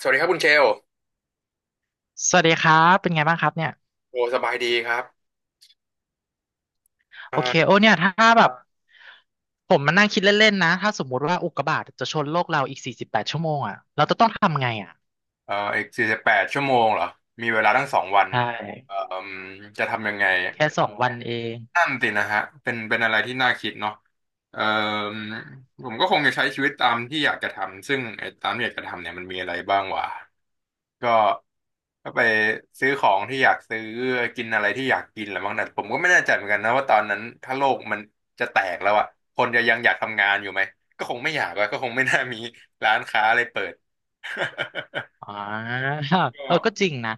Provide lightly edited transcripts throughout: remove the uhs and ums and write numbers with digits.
สวัสดีครับคุณเชลสวัสดีครับเป็นไงบ้างครับเนี่ยโอ้สบายดีครับโอเคอ่าโอ้เนี่ยถ้าแบบผมมานั่งคิดเล่นๆนะถ้าสมมุติว่าอุกกาบาตจะชนโลกเราอีกสี่สิบแปดชั่วโมงอ่ะเราจะต้องทำไงอ่ะอีก48 ชั่วโมงเหรอมีเวลาทั้ง2 วันใชเอ่อ่จะทำยังไง แค่2 วันเอง นั่นตินะฮะเป็นอะไรที่น่าคิดเนาะเอ่อผมก็คงจะใช้ชีวิตตามที่อยากจะทำซึ่งไอ้ตามที่อยากจะทำเนี่ยมันมีอะไรบ้างวะก็ก็ไปซื้อของที่อยากซื้อกินอะไรที่อยากกินแหละมั้งแต่ผมก็ไม่แน่ใจเหมือนกันนะว่าตอนนั้นถ้าโลกมันจะแตกแล้วอะคนจะยังอยากทำงานอยู่ไหมก็คงไม่อยากแล้วก็คงไม่น่ามีร้านค้าอะไรเปิด อ่า เออก็จก็ริงนะ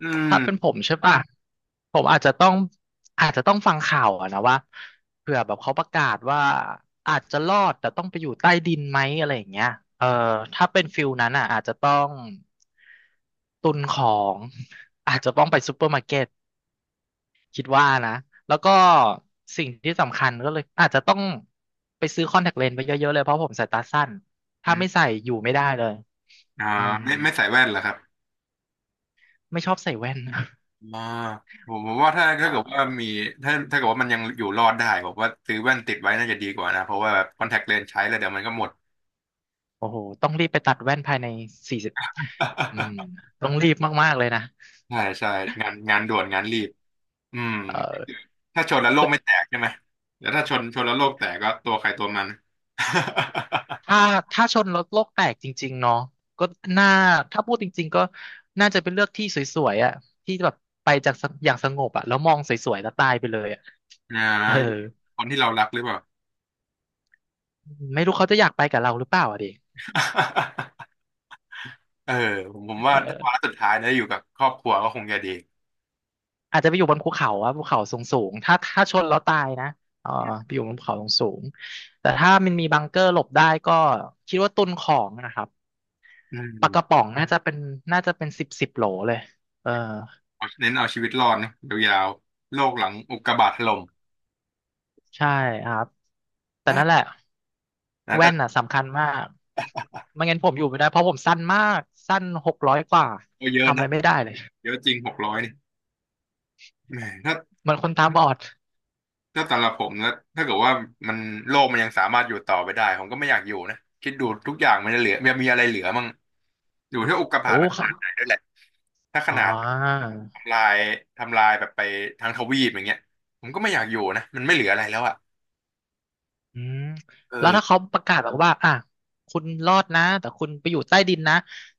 อืมถ้าเป็นผมใช่ป่ะะผมอาจจะต้องฟังข่าวอะนะว่าเผื่อแบบเขาประกาศว่าอาจจะรอดแต่ต้องไปอยู่ใต้ดินไหมอะไรอย่างเงี้ยเออถ้าเป็นฟิลนั้นอ่ะอาจจะต้องตุนของ อาจจะต้องไปซูเปอร์มาร์เก็ตคิดว่านะแล้วก็สิ่งที่สำคัญก็เลยอาจจะต้องไปซื้อคอนแทคเลนส์ไปเยอะๆเลยเพราะผมสายตาสั้นถ้าอไม่มใส่อยู่ไม่ได้เลยอ่าอืม ไม่ใส่แว่นเหรอครับ ไม่ชอบใส่แว่น อ่าผมว่าถ้าอ่เกิดว่าามีถ้าเกิดว่ามันยังอยู่รอดได้ผมว่าซื้อแว่นติดไว้น่าจะดีกว่านะเพราะว่าแบบคอนแทคเลนส์ใช้แล้วเดี๋ยวมันก็หมด โอ้โหต้องรีบไปตัดแว่นภายในสี่สิบอืม ต้องรีบมากๆ เลยนะใช่ใช่งานด่วนงานรีบอืมเออถ้าชนแล้วโลกไม่แต่แตกใช่ไหมแล้วถ้าชนแล้วโลกแตกก็ตัวใครตัวมัน ถ้าชนรถโลกแตกจริงๆ เนาะก็น่าถ้าพูดจริงๆ ก็น่าจะเป็นเลือกที่สวยๆอ่ะที่แบบไปจากสอย่างสงบอ่ะแล้วมองสวยๆแล้วตายไปเลยอ่ะ อ่าเอออยู่กับคนที่เรารักหรือเปล่า ไม่รู้เขาจะอยากไปกับเราหรือเปล่าอ่ะดิ เออผมว่าถ้าวาเออ ระสุดท้ายนะอยู่กับครอบครัวก็คงจะดีอาจจะไปอยู่บนภูเขาอะภูเขาสูงสูงถ้าชนแล้วตายนะเออไปอยู่บนภูเขาสูงสูงแต่ถ้ามันมีบังเกอร์หลบได้ก็คิดว่าตุนของนะครับอืปลากระมป๋องน่าจะเป็นน่าจะเป็น10 โหลเลยเออเน้นเอาชีวิตรอดนะยาวๆโลกหลังอุกกาบาตถล่ม ใช่ครับแต่ นั่นแหนะละนะแต่แว่นอ่ะสำคัญมากไม่งั้นผมอยู่ไม่ได้เพราะผมสั้นมากสั้น600 กว่าเยอะทำอะนะ ไรไม่ได้เลยเยอะจริง600นี่แหมถ้าเหมือนคนตาบอดถ้าสำหรับผมนะถ้าเกิดว่ามันโลกมันยังสามารถอยู่ต่อไปได้ผมก็ไม่อยากอยู่นะคิดดูทุกอย่างมันจะเหลือมันมีอะไรเหลือมั่งอยู่ที่อุกกาบาโอ้ตมันขค่ะนาดไหนด้วยแหละถ้าขอ๋อ นาดทำลายทำลายแบบไปทั้งทวีปอย่างเงี้ยผมก็ไม่อยากอยู่นะมันไม่เหลืออะไรแล้วอ่ะอืมเอแล้วอถ้าเขาประกาศบอกว่าอ่ะคุณรอดนะแต่คุณไปอยู่ใต้ดินนะ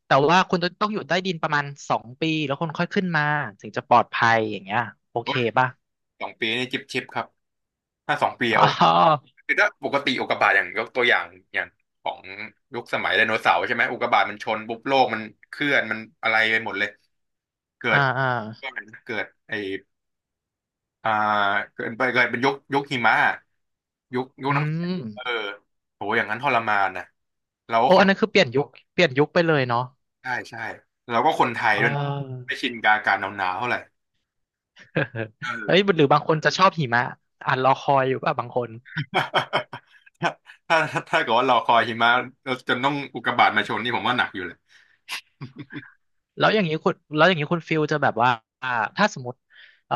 แต่อืว่ามคุณจะต้องอยู่ใต้ดินประมาณ2 ปีแล้วคุณค่อยขึ้นมาถึงจะปลอดภัยอย่างเงี้ยโอโอ้เคยป่ะสองปีนี่จิบชิบครับถ้าสองปีอะโอเคอ๋อคือถ้าปกติอุกกาบาตอย่างยกตัวอย่างอย่างของยุคสมัยไดโนเสาร์ใช่ไหมอุกกาบาตมันชนปุ๊บโลกมันเคลื่อนมันอะไรไปหมดเลยเกิอ่าด อ่าเกิดไออ่าเกิดไปเกิดเป็นยุคหิมะยุคอืน้ำแข็มงเออโหอย่างนั้นทรมานนะเราก็โอ้คอันนนั้นคือเปลี่ยนยุคเปลี่ยนยุคไปเลยเนาะใช่ใช่เราก็คนไทยอ๋อ ด้วยนะไม่ชินกับอากาศหนาวๆเท่าไหร่ เอเฮ้ยอ หรือบางคนจะชอบหิมะอ่านรอคอยอยู่ป่ะบางคน ถ้าเกิดว่าเราคอยหิมะเราจนต้องอุกกาบาตมาชนนี่ผมว่าหนักอยู่เลยแล้วอย่างนี้คุณแล้วอย่างนี้คุณฟิลจะแบบว่าอ่าถ้าสมมติเอ่อ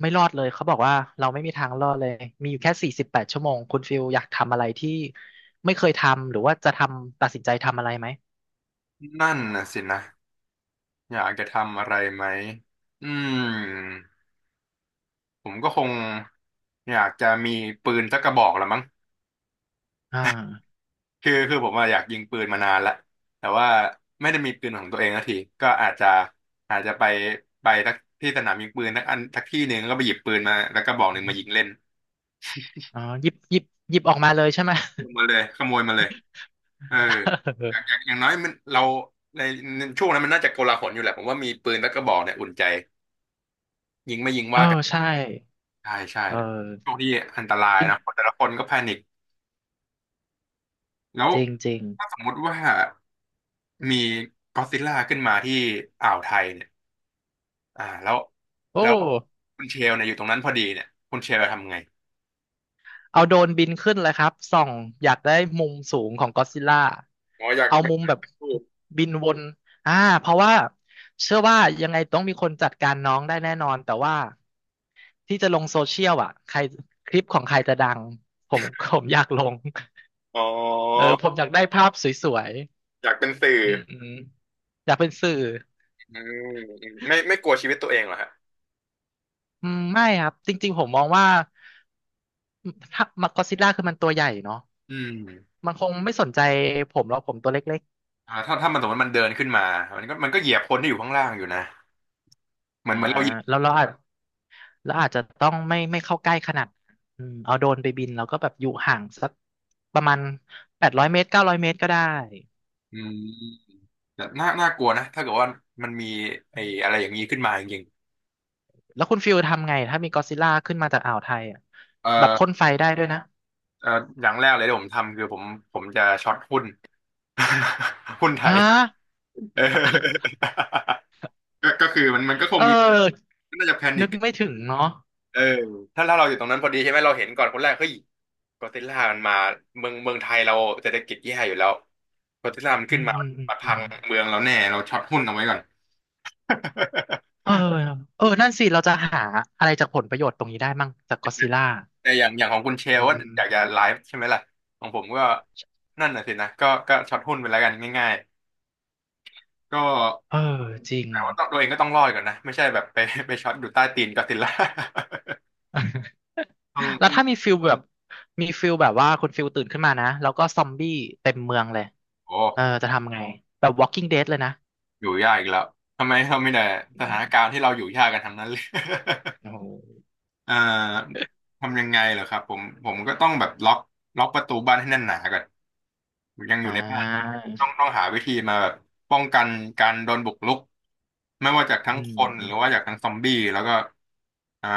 ไม่รอดเลยเขาบอกว่าเราไม่มีทางรอดเลยมีอยู่แค่สี่สิบแปดชั่วโมงคุณฟิลอยากทำอะไรที่ไม่เคยทำหรือว่าจะทำตัดสินใจทำอะไรไหมนั่นนะสินะอยากจะทำอะไรไหมอืมผมก็คงอยากจะมีปืนสักกระบอกละมั้ง อ่าคือผมอะอยากยิงปืนมานานละแต่ว่าไม่ได้มีปืนของตัวเองสักทีก็อาจจะไปสักที่สนามยิงปืนสักอันสักที่หนึ่งแล้วก็ไปหยิบปืนมาแล้วก็บอกหอนึ่งมามยิงเล่นอ๋อหยิบหยิบออกมาเลยใช่ไหม ขโมยมาเลยขโมยมาเลยเอออ ย่างอย่างอย่างน้อยมันเราในช่วงนั้นมันน่าจะโกลาหลอยู่แหละผมว่ามีปืนแล้วก็บอกเนี่ยอุ่นใจยิงไม่ยิงเออใช่ใช่ใช่เอโชคอที่อันตรายจริงนะคนแต่ละคนก็แพนิคแล้วจริงจริงถ้าสมมุติว่ามีก็อดซิลล่าขึ้นมาที่อ่าวไทยเนี่ย อ่าแล้วโอ้ แล้วคุณเชลเนี่ยอยู่ตรงนั้นพอดีเนี่ยคุณเชลจะทำไงเอาโดรนบินขึ้นเลยครับส่องอยากได้มุมสูงของก็อดซิลล่าอ๋ออยากเอาเป็นมุมนัแบกบพูดบินวนอ่าเพราะว่าเชื่อว่ายังไงต้องมีคนจัดการน้องได้แน่นอนแต่ว่าที่จะลงโซเชียลอ่ะใครคลิปของใครจะดังผมผมอยากลงอ๋อเออผมอยากได้ภาพสวยอยากเป็นสื่อๆอืมอืมอยากเป็นสื่ออืมไม่กลัวชีวิตตัวเองเหรอฮะอืมไม่ครับจริงๆผมมองว่าถ้ามักก็อดซิลล่าคือมันตัวใหญ่เนาะอืมมันคงไม่สนใจผมหรอกผมตัวเล็กถ้ามันสมมติมันเดินขึ้นมามันก็เหยียบคนที่อยู่ข้างล่างอยู่นะเหๆมืออ่านเหมือนเราเหยียบแล้วเราอาจ แล้วอาจจะต้องไม่เข้าใกล้ขนาดนั้นอืมเอาโดรนไปบินแล้วก็แบบอยู่ห่างสักประมาณ800 เมตร900 เมตรก็ได้อืมแต่น่ากลัวนะถ้าเกิดว่ามันมีไอ้อะไรอย่างนี้ขึ้นมาจริงแล้วคุณฟิลทำไงถ้ามีกอดซิลล่าขึ้นมาจากอ่าวไทยอ่ะๆแบบพ่นไฟได้ด้วยนะเอ่ออย่างแรกเลยที่ผมทำคือผมจะช็อตหุ้น หุ้นไทยฮะ เออ ก็คือมันก็คงเอมี อน่าจะแพนินึคกไม่ถึงเนาะเออถ้าเราอยู่ตรงนั้นพอดีใช่ไหมเราเห็นก่อนคนแรกเฮ้ยก็อดซิลล่ามันมาเมืองไทยเราเศรษฐกิจแย่อยู่แล้วก็อดซิลล่ามันอืขึ้นมมาอืมอืมมาอืพังมเมืองเราแน่เราช็อตหุ้นเอาไว้ก่อน เออเออนั่นสิเราจะหาอะไรจากผลประโยชน์ตรงนี้ได้มั่งจากกอดซิลล่า แต่อย่างของคุณเชลอืว่ามอยากจะไลฟ์ใช่ไหมล่ะของผมก็นั่นน่ะสินะก็ช็อตหุ้นไปแล้วกันง่ายๆก็เออจริง แต่ว่าต้องตัวเองก็ต้องรอดก่อนนะไม่ใช่แบบไปช็อตอยู่ใต้ตีนก็อดซิลล่า ต้องแล้ต้วองถ้ามีฟิลแบบว่าคุณฟิลตื่นขึ้นมานะแล้วก็ซอมบี้เต็มเมืองเลยโอ้ เออจะทำไงแบบ Walking Dead เลยนะอยู่ยากอีกแล้วทำไมเราไม่ได้สอืถามนการณ์ที่เราอยู่ยากกันทั้งนั้นเลย โอ้โห เอ่อทำยังไงเหรอครับผมก็ต้องแบบล็อกประตูบ้านให้แน่นหนาก่อนยังออ่ยู่ในบ้านาต้องหาวิธีมาแบบป้องกันการโดนบุกรุกไม่ว่าจากทั้อืงคนหรือมว่าจากทั้งซอมบี้แล้วก็อ่า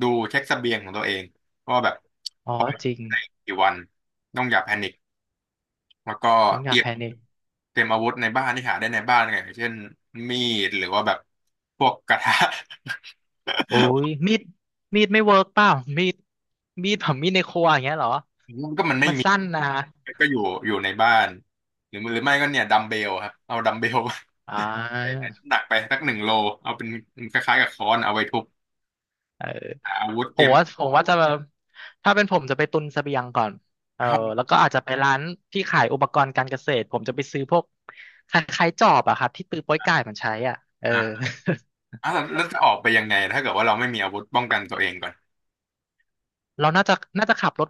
ดูเช็คเสบียงของตัวเองว่าแบบอ๋อปล่อยจริงได้กี่วันต้องอย่าแพนิค แล้วก็ต้องอเตย่ารียแพมนิคเตรียมอาวุธในบ้านที่หาได้ในบ้านไงอย่างเช่นมีดหรือว่าแบบพวกกระทะ โอ้ยมีดไม่เวิร์กเปล่ามีดผมมีดในครัวอย่างเงี้ยเหรอ มันก็มันไม่มันมีสั้นนะก็อยู่ในบ้านหรือหรือไม่ก็เนี่ยดัมเบลครับเอาดัมเบลอ่ใส่น้ำา หนักไปสัก1 โลเอาเป็นคล้ายๆกับค้อนเอาไว้ทุบเออหาอาวุธผเตรีมยมว่าผมว่าจะถ้าเป็นผมจะไปตุนเสบียงก่อนเออห้องแล้วก็อาจจะไปร้านที่ขายอุปกรณ์การเกษตรผมจะไปซื้อพวกคล้ายๆจอบอะครับที่ตือโป้อยก่ายมันใช้อ่ะเออ อ่ะอ่ะแล้วแล้วจะออกไปยังไงถ้าเกิดว่าเราไม่มีอาวุธป้องกันตัวเองก่อน เราน่าจะน่าจะขับรถ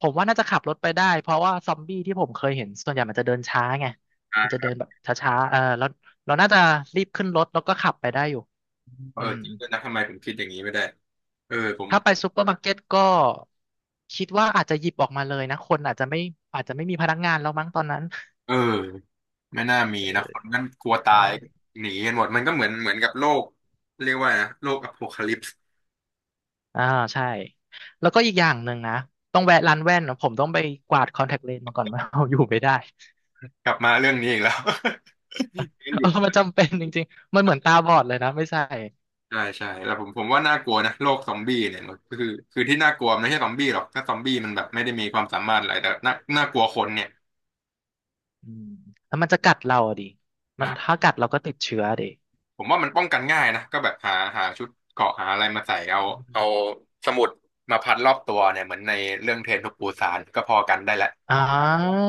ผมว่าน่าจะขับรถไปได้เพราะว่าซอมบี้ที่ผมเคยเห็นส่วนใหญ่มันจะเดินช้าไงอ่มันจะาเดินแบบช้าๆเออแล้วเราน่าจะรีบขึ้นรถแล้วก็ขับไปได้อยู่เอออืมจริงด้วยนะทำไมผมคิดอย่างนี้ไม่ได้เออผมถ้าไปซูเปอร์มาร์เก็ตก็คิดว่าอาจจะหยิบออกมาเลยนะคนอาจจะไม่มีพนักงานแล้วมั้งตอนนั้น เออ ไม่น่ามีนะคนนั้นกลัวตายใช่หนีกันหมดมันก็เหมือนเหมือนกับโลกเรียกว่านะโลกอโพคาลิปส์อ่าใช่ แล้วก็อีกอย่างหนึ่งนะ ต้องแวะร้านแว่นนะผมต้องไปกวาดคอนแทคเลนส์มาก่อนว่า เอาอยู่ไม่ได้กลับมาเรื่องนี้อีกแล้ว ยังอเอยู่อมันจำเป็นจริงๆมันเหมือนตาบอดเลยนะไม่ใช่ใช่ใช่แล้วผมว่าน่ากลัวนะโลกซอมบี้เนี่ยมันคือที่น่ากลัวมันไม่ใช่ซอมบี้หรอกถ้าซอมบี้มันแบบไม่ได้มีความสามารถอะไรแต่น่ากลัวคนเนี่ยอืมแล้วมันจะกัดเราอะดิ มันถ้ากัดเราก็ติดเชื้อดิผมว่ามันป้องกันง่ายนะก็แบบหาชุดเกราะหาอะไรมาใส่เอาอืเอามสมุดมาพันรอบตัวเนี่ยเหมือนในเรื่องเทรนทูปูซานก็พอกันได้ละ อ่า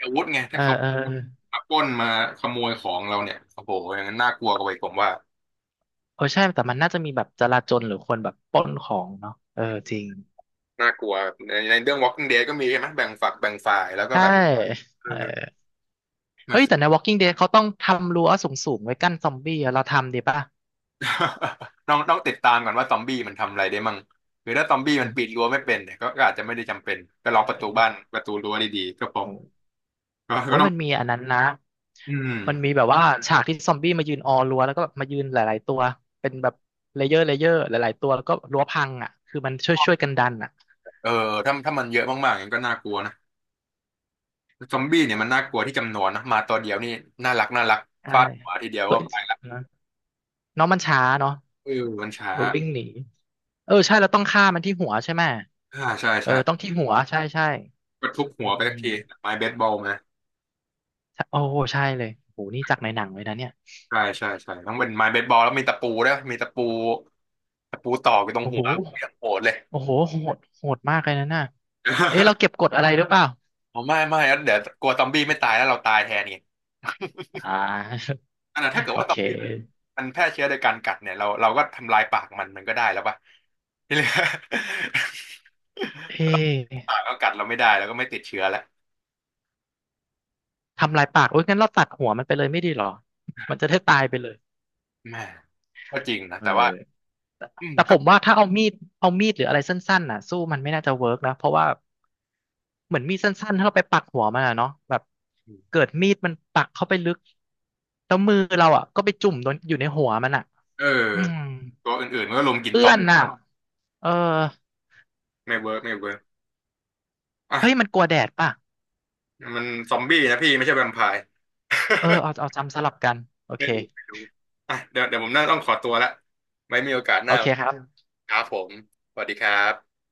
อาวุธไงเอถ้าอ เขาเออเมาปล้นมาขโมยของเราเนี่ยโอ้โหอย่างนั้นน่ากลัวกว่าอีกผมว่าออใช่ แต่มันน่าจะมีแบบจลาจลหรือคนแบบปล้นของเนาะเออ จริง น่ากลัวในในเรื่อง Walking Dead ก็มีใช่ไหมแบ่งฝักแบ่งฝ่ายแล้วก็ใช่ แบบเออเออมา เฮ้ยแต่ใน Walking Dead เขาต้องทำรั้วสูงๆไว้กั้นซอมบี้อะเราทำดีป่ะ ต้องติดตามก่อนว่าซอมบี้มันทำอะไรได้มั่งหรือถ้าซอมบี้มันปีนรั้วไม่เป็นเนี่ยก็ก็อาจจะไม่ได้จำเป็นก็ล็อกประตูบ้านประตูรั้วดีๆก็พอก็โอ้ก็ยต้องมันมีอันนั้นนะ อืมันมีมแบบว่าฉากที่ซอมบี้มายืนออรั้วแล้วก็แบบมายืนหลายๆตัว เป็นแบบเลเยอร์หลายๆตัวแล้วก็รั้วพังอ่ะคือมันช่วยกันดันอ่ะเออถ้าถ้ามันเยอะมากๆอย่างนั้นก็น่ากลัวนะซอมบี้เนี่ยมันน่ากลัวที่จำนวนนะมาตัวเดียวนี่น่ารักน่ารักใช่ฟาดหัวทีเดียวตัวก็เองไปละนะน้องมันช้าเนาะเออมันช้าดูวิ่งหนี เออใช่แล้วต้องฆ่ามันที่หัวใช่ไหมอ่าใช่เออใช่ ต้องที่หัวใช่ใช่ก็ทุบอืหัวไปมสักทีไม้เบสบอลมาใช่โอ้โหใช่เลยโอ้โหนี่จากในหนังเลยนะเนี่ยใช่ใช่ใช่ต้องเป็นไม้เบสบอลแล้วมีตะปูด้วยมีตะปูตะปูตอกอยู่ตรงโอ้หัโหวเรียางโหดเลย โอ้โหโหดมากเลยนะน่ะเอ๊ะเราเก็บกดอะไรหรือเปล่า อ๋อไม่ไม่เดี๋ยวกลัวซอมบี้ไม่ตายแล้วเราตายแทนไง อ่า อันนั้นถ้าเกิ ดโอว่าเซอมบี้คมันแพร่เชื้อโดยการกัดเนี่ยเราก็ทำลายปากมันมันก็ได้แล้วป่ะ ที่เหลือ ถ้าเอ๊ต้องะ ปากก็กัดเราไม่ได้แล้วก็ไม่ติดเชื้อแล้วทำลายปากโอ๊ยงั้นเราตัดหัวมันไปเลยไม่ดีหรอมันจะได้ตายไปเลยแม่ก็จริงนะเออแต่ว่าแต่อืมผก็มว่าถ้าเอามีดหรืออะไรสั้นๆน่ะสู้มันไม่น่าจะเวิร์กนะเพราะว่าเหมือนมีดสั้นๆถ้าเราไปปักหัวมันอะเนาะแบบเกิดมีดมันปักเข้าไปลึกแล้วมือเราอ่ะก็ไปจุ่มโดนอยู่ในหัวมันอ่ะเอออืมตัวอื่นๆมันก็ลงกินเอื้อโต๊ะนน่ะเออไม่เวิร์กไม่เวิร์กเฮ้ยอ่ะ มันกลัวแดดป่ะมันซอมบี้นะพี่ไม่ใช่แวมไพร์ เออเอาจำสลับกันโอ เคไม่รู้ไม่รู้อ่ะเดี๋ยวผมน่าต้องขอตัวละไว้มีโอกาสหโอน้าเคครับครับผมสวัสดีครับ